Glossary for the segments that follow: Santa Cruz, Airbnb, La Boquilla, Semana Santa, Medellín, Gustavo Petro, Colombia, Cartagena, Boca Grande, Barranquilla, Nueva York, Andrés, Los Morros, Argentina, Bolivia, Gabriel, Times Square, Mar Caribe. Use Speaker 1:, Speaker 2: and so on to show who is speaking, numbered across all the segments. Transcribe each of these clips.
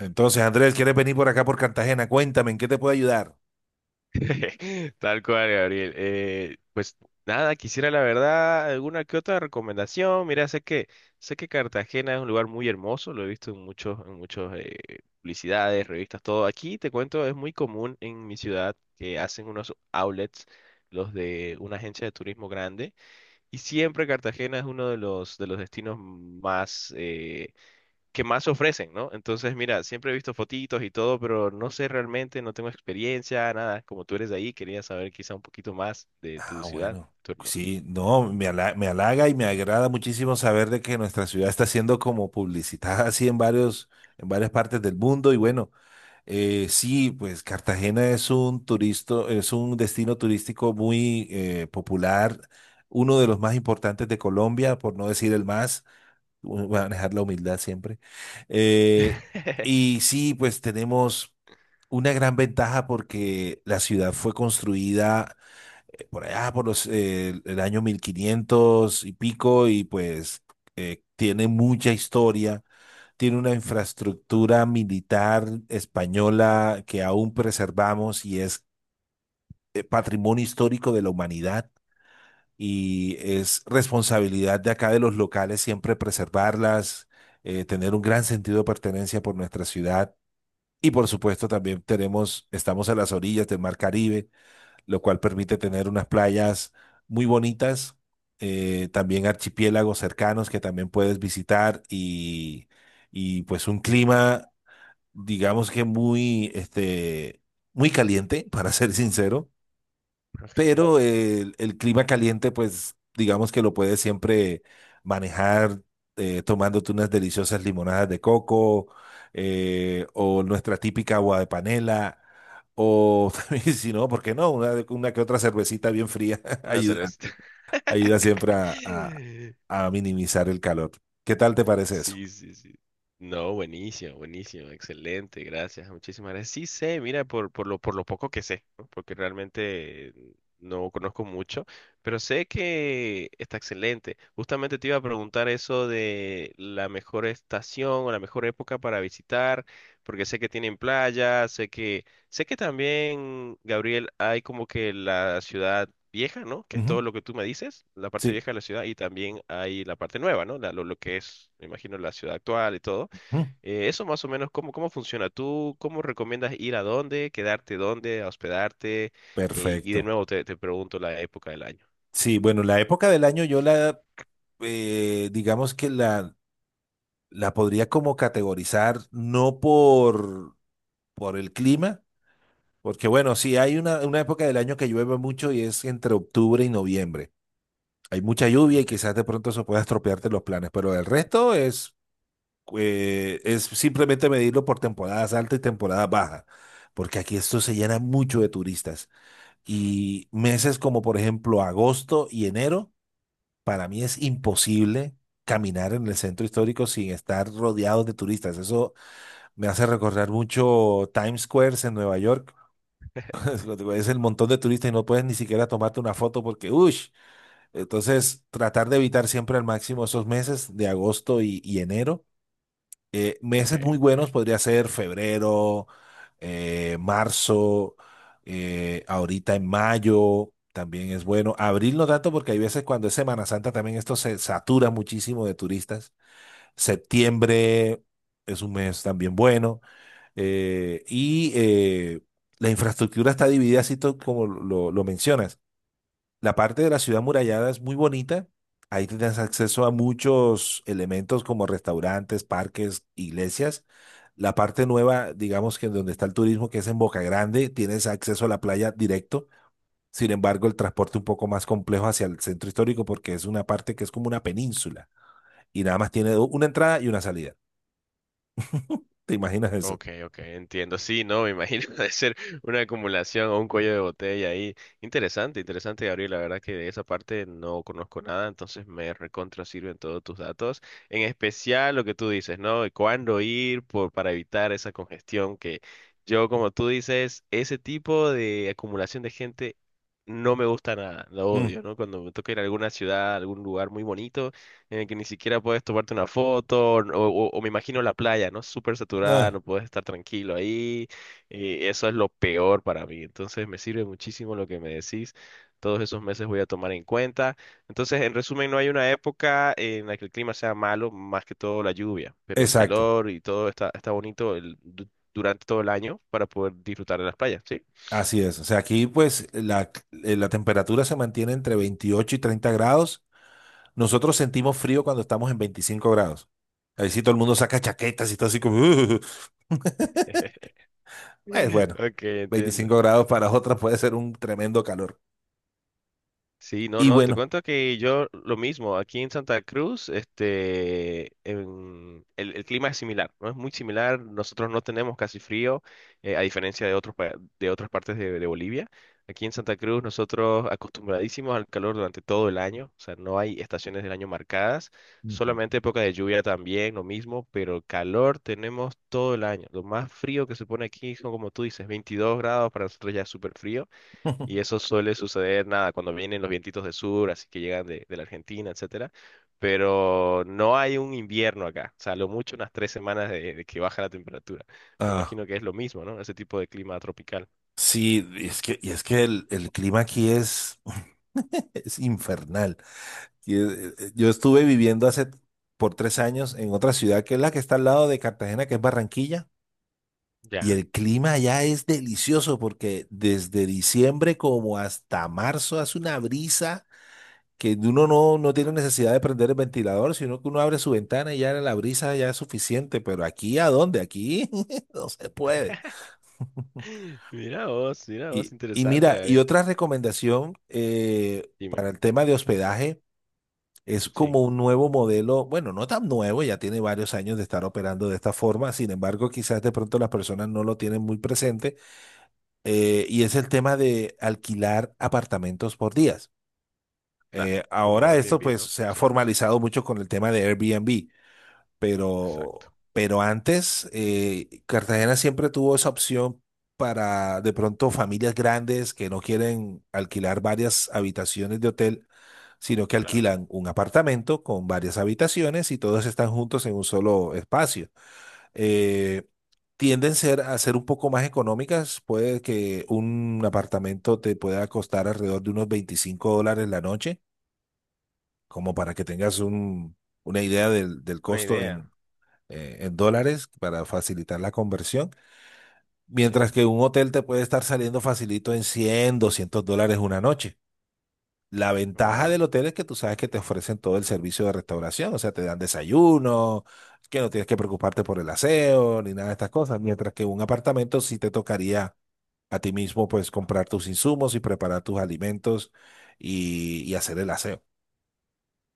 Speaker 1: Entonces, Andrés, ¿quieres venir por acá por Cartagena? Cuéntame, ¿en qué te puedo ayudar?
Speaker 2: Tal cual, Gabriel. Pues nada, quisiera la verdad alguna que otra recomendación. Mira, sé que Cartagena es un lugar muy hermoso, lo he visto en muchos publicidades, revistas, todo. Aquí te cuento, es muy común en mi ciudad que hacen unos outlets, los de una agencia de turismo grande, y siempre Cartagena es uno de los destinos más que más ofrecen, ¿no? Entonces, mira, siempre he visto fotitos y todo, pero no sé realmente, no tengo experiencia, nada. Como tú eres de ahí, quería saber quizá un poquito más de
Speaker 1: Ah,
Speaker 2: tu ciudad,
Speaker 1: bueno.
Speaker 2: tu hermano.
Speaker 1: Sí, no, me halaga y me agrada muchísimo saber de que nuestra ciudad está siendo como publicitada así en en varias partes del mundo. Y bueno, sí, pues Cartagena es un turisto, es un destino turístico muy popular, uno de los más importantes de Colombia, por no decir el más. Manejar la humildad siempre. Eh, y sí, pues tenemos una gran ventaja porque la ciudad fue construida por allá, el año 1500 y pico, y pues tiene mucha historia, tiene una infraestructura militar española que aún preservamos y es patrimonio histórico de la humanidad y es responsabilidad de acá de los locales siempre preservarlas, tener un gran sentido de pertenencia por nuestra ciudad. Y por supuesto también tenemos, estamos a las orillas del Mar Caribe, lo cual permite tener unas playas muy bonitas, también archipiélagos cercanos que también puedes visitar y pues un clima, digamos que muy, este, muy caliente, para ser sincero,
Speaker 2: Ok,
Speaker 1: pero el clima caliente, pues digamos que lo puedes siempre manejar tomándote unas deliciosas limonadas de coco, o nuestra típica agua de panela. O también, si no, ¿por qué no? Una que otra cervecita bien fría
Speaker 2: una
Speaker 1: ayuda,
Speaker 2: cerveza.
Speaker 1: ayuda siempre a minimizar el calor. ¿Qué tal te parece eso?
Speaker 2: Sí, sí, sí. No, buenísimo, buenísimo, excelente, gracias, muchísimas gracias. Sí sé, mira, por lo poco que sé, ¿no? Porque realmente no conozco mucho, pero sé que está excelente. Justamente te iba a preguntar eso de la mejor estación o la mejor época para visitar, porque sé que tienen playa, sé que sé que también, Gabriel, hay como que la ciudad vieja, ¿no? Que es
Speaker 1: Ujú,
Speaker 2: todo lo que tú me dices, la parte
Speaker 1: sí,
Speaker 2: vieja de la ciudad, y también hay la parte nueva, ¿no? Lo que es, me imagino, la ciudad actual y todo.
Speaker 1: ujú,
Speaker 2: Eso más o menos, ¿cómo funciona? ¿Tú cómo recomiendas ir a dónde, quedarte dónde, a hospedarte? Y de
Speaker 1: perfecto.
Speaker 2: nuevo te pregunto la época del año.
Speaker 1: Sí, bueno, la época del año yo la, digamos que la podría como categorizar no por, por el clima, porque bueno, sí, hay una época del año que llueve mucho y es entre octubre y noviembre. Hay mucha lluvia y
Speaker 2: Ok,
Speaker 1: quizás de pronto eso pueda estropearte los planes, pero el resto es simplemente medirlo por temporadas altas y temporadas bajas, porque aquí esto se llena mucho de turistas. Y meses como por ejemplo agosto y enero, para mí es imposible caminar en el centro histórico sin estar rodeados de turistas. Eso me hace recordar mucho Times Square en Nueva York. Es el montón de turistas y no puedes ni siquiera tomarte una foto porque, uy, entonces tratar de evitar siempre al máximo esos meses de agosto y enero.
Speaker 2: ok,
Speaker 1: Meses muy
Speaker 2: ok.
Speaker 1: buenos podría ser febrero, marzo, ahorita en mayo también es bueno. Abril no tanto porque hay veces cuando es Semana Santa también esto se satura muchísimo de turistas. Septiembre es un mes también bueno. Eh, y eh, la infraestructura está dividida, como lo mencionas. La parte de la ciudad murallada es muy bonita. Ahí tienes acceso a muchos elementos como restaurantes, parques, iglesias. La parte nueva, digamos que en donde está el turismo, que es en Boca Grande, tienes acceso a la playa directo. Sin embargo, el transporte un poco más complejo hacia el centro histórico porque es una parte que es como una península y nada más tiene una entrada y una salida. ¿Te imaginas eso?
Speaker 2: Ok, ok, entiendo. Sí, no, me imagino de ser una acumulación o un cuello de botella ahí. Interesante, interesante, Gabriel. La verdad que de esa parte no conozco nada, entonces me recontra sirven todos tus datos. En especial lo que tú dices, ¿no? De cuándo ir por, para evitar esa congestión que yo, como tú dices, ese tipo de acumulación de gente no me gusta nada, lo
Speaker 1: Mm.
Speaker 2: odio, ¿no? Cuando me toca ir a alguna ciudad, a algún lugar muy bonito en el que ni siquiera puedes tomarte una foto, o me imagino la playa, ¿no? Súper saturada,
Speaker 1: Ah,
Speaker 2: no puedes estar tranquilo ahí, y eso es lo peor para mí. Entonces me sirve muchísimo lo que me decís, todos esos meses voy a tomar en cuenta. Entonces, en resumen, no hay una época en la que el clima sea malo, más que todo la lluvia, pero el
Speaker 1: exacto.
Speaker 2: calor y todo está, está bonito durante todo el año para poder disfrutar de las playas, ¿sí?
Speaker 1: Así es. O sea, aquí pues la temperatura se mantiene entre 28 y 30 grados. Nosotros sentimos frío cuando estamos en 25 grados. Ahí sí todo el mundo saca chaquetas y todo así como...". Pues bueno,
Speaker 2: Ok, entiendo.
Speaker 1: veinticinco grados para otras puede ser un tremendo calor.
Speaker 2: Sí, no,
Speaker 1: Y
Speaker 2: no, te
Speaker 1: bueno.
Speaker 2: cuento que yo lo mismo, aquí en Santa Cruz, este, el clima es similar, ¿no? Es muy similar, nosotros no tenemos casi frío, a diferencia de otros, de otras partes de Bolivia. Aquí en Santa Cruz nosotros acostumbradísimos al calor durante todo el año, o sea, no hay estaciones del año marcadas,
Speaker 1: Ujú.
Speaker 2: solamente época de lluvia también, lo mismo, pero calor tenemos todo el año. Lo más frío que se pone aquí son, como tú dices, 22 grados, para nosotros ya es súper frío. Y eso suele suceder, nada, cuando vienen los vientitos del sur, así que llegan de la Argentina, etcétera. Pero no hay un invierno acá. O sea, lo mucho unas 3 semanas de que baja la temperatura. Me
Speaker 1: Ah,
Speaker 2: imagino que es lo mismo, ¿no? Ese tipo de clima tropical.
Speaker 1: sí, y es que el clima aquí es, es infernal. Yo estuve viviendo hace por tres años en otra ciudad que es la que está al lado de Cartagena, que es Barranquilla. Y
Speaker 2: Ya.
Speaker 1: el clima allá es delicioso porque desde diciembre como hasta marzo hace una brisa que uno no tiene necesidad de prender el ventilador, sino que uno abre su ventana y ya la brisa ya es suficiente. Pero aquí, ¿a dónde? Aquí no se puede.
Speaker 2: Mira vos,
Speaker 1: Y
Speaker 2: interesante,
Speaker 1: mira, y
Speaker 2: Gabriel.
Speaker 1: otra recomendación
Speaker 2: Dime.
Speaker 1: para el tema de hospedaje es
Speaker 2: Sí,
Speaker 1: como un nuevo modelo, bueno, no tan nuevo, ya tiene varios años de estar operando de esta forma, sin embargo, quizás de pronto las personas no lo tienen muy presente, y es el tema de alquilar apartamentos por días.
Speaker 2: claro. Como
Speaker 1: Ahora esto
Speaker 2: Airbnb,
Speaker 1: pues
Speaker 2: ¿no?
Speaker 1: se ha
Speaker 2: Sí,
Speaker 1: formalizado mucho con el tema de Airbnb,
Speaker 2: exacto.
Speaker 1: pero antes Cartagena siempre tuvo esa opción para de pronto familias grandes que no quieren alquilar varias habitaciones de hotel, sino que
Speaker 2: Claro.
Speaker 1: alquilan un apartamento con varias habitaciones y todos están juntos en un solo espacio. Eh, tienden a ser un poco más económicas, puede que un apartamento te pueda costar alrededor de unos 25 dólares la noche, como para que tengas una idea del
Speaker 2: Una
Speaker 1: costo
Speaker 2: idea.
Speaker 1: en dólares para facilitar la conversión,
Speaker 2: Sí.
Speaker 1: mientras que un hotel te puede estar saliendo facilito en 100, 200 dólares una noche. La ventaja del
Speaker 2: Wow.
Speaker 1: hotel es que tú sabes que te ofrecen todo el servicio de restauración, o sea, te dan desayuno, que no tienes que preocuparte por el aseo ni nada de estas cosas, mientras que un apartamento sí te tocaría a ti mismo pues comprar tus insumos y preparar tus alimentos y hacer el aseo.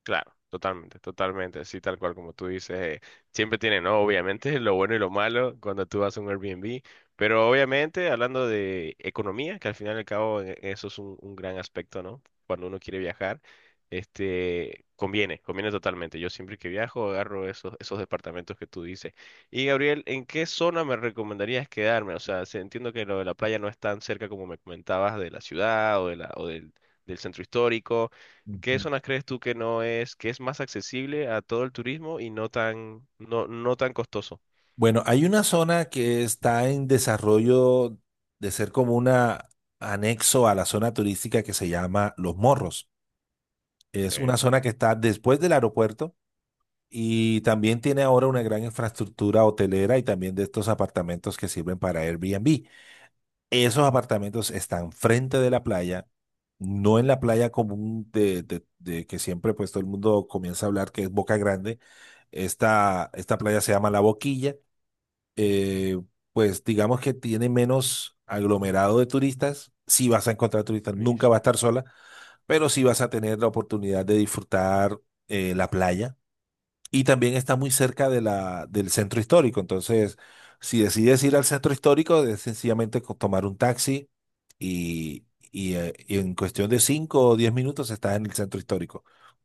Speaker 2: Claro, totalmente, totalmente, así tal cual como tú dices, siempre tiene, ¿no? Obviamente, lo bueno y lo malo cuando tú vas a un Airbnb, pero obviamente hablando de economía, que al final y al cabo eso es un gran aspecto, ¿no? Cuando uno quiere viajar, este, conviene, conviene totalmente. Yo siempre que viajo agarro esos, esos departamentos que tú dices. Y Gabriel, ¿en qué zona me recomendarías quedarme? O sea, entiendo que lo de la playa no es tan cerca como me comentabas de la ciudad o de la, o del centro histórico. ¿Qué
Speaker 1: Ujú.
Speaker 2: zonas crees tú que no es, que es más accesible a todo el turismo y no tan, no, no tan costoso?
Speaker 1: Bueno, hay una zona que está en desarrollo de ser como una anexo a la zona turística que se llama Los Morros. Es una
Speaker 2: Ok,
Speaker 1: zona que está después del aeropuerto y también tiene ahora una gran infraestructura hotelera y también de estos apartamentos que sirven para Airbnb. Esos apartamentos están frente de la playa, no en la playa común de que siempre pues todo el mundo comienza a hablar que es Boca Grande. Esta playa se llama La Boquilla, eh, pues digamos que tiene menos aglomerado de turistas. Si vas a encontrar turistas, nunca va a
Speaker 2: buenísimo.
Speaker 1: estar sola, pero sí vas a tener la oportunidad de disfrutar la playa. Y también está muy cerca de del centro histórico. Entonces, si decides ir al centro histórico, es sencillamente tomar un taxi y, y en cuestión de 5 o 10 minutos estás en el centro histórico.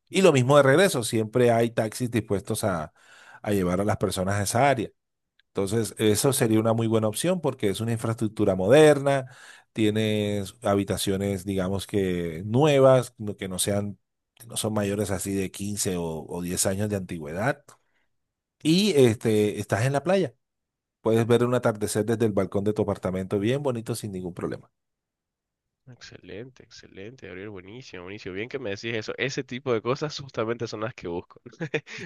Speaker 1: Y lo mismo de regreso, siempre hay taxis dispuestos a llevar a las personas a esa área. Entonces, eso sería una muy
Speaker 2: Mm.
Speaker 1: buena opción porque es una infraestructura moderna, tienes habitaciones, digamos que nuevas, que no son mayores así de 15 o diez años de antigüedad. Y este, estás en la playa. Puedes ver un atardecer desde el balcón de tu apartamento bien bonito sin ningún problema.
Speaker 2: Excelente, excelente, Gabriel, buenísimo, buenísimo. Bien que me decís eso. Ese tipo de cosas justamente son las que busco.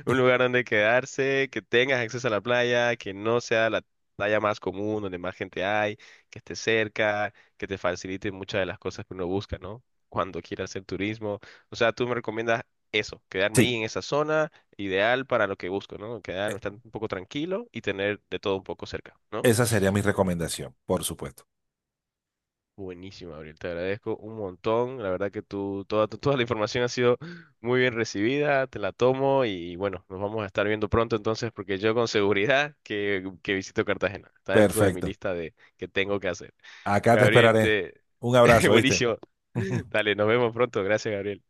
Speaker 2: Un lugar donde quedarse, que tengas acceso a la playa, que no sea la playa más común, donde más gente hay, que esté cerca, que te facilite muchas de las cosas que uno busca, ¿no? Cuando quiera hacer turismo. O sea, tú me recomiendas eso, quedarme ahí
Speaker 1: Sí,
Speaker 2: en esa zona, ideal para lo que busco, ¿no? Quedarme
Speaker 1: e-
Speaker 2: estar un poco tranquilo y tener de todo un poco cerca, ¿no?
Speaker 1: esa sería mi recomendación, por supuesto.
Speaker 2: Buenísimo, Gabriel. Te agradezco un montón. La verdad que tú, toda, toda la información ha sido muy bien recibida. Te la tomo y bueno, nos vamos a estar viendo pronto entonces porque yo con seguridad que visito Cartagena. Está dentro de mi
Speaker 1: Perfecto.
Speaker 2: lista de que tengo que hacer.
Speaker 1: Acá te
Speaker 2: Gabriel,
Speaker 1: esperaré.
Speaker 2: te...
Speaker 1: Un abrazo, ¿viste?
Speaker 2: Buenísimo. Dale, nos vemos pronto. Gracias, Gabriel.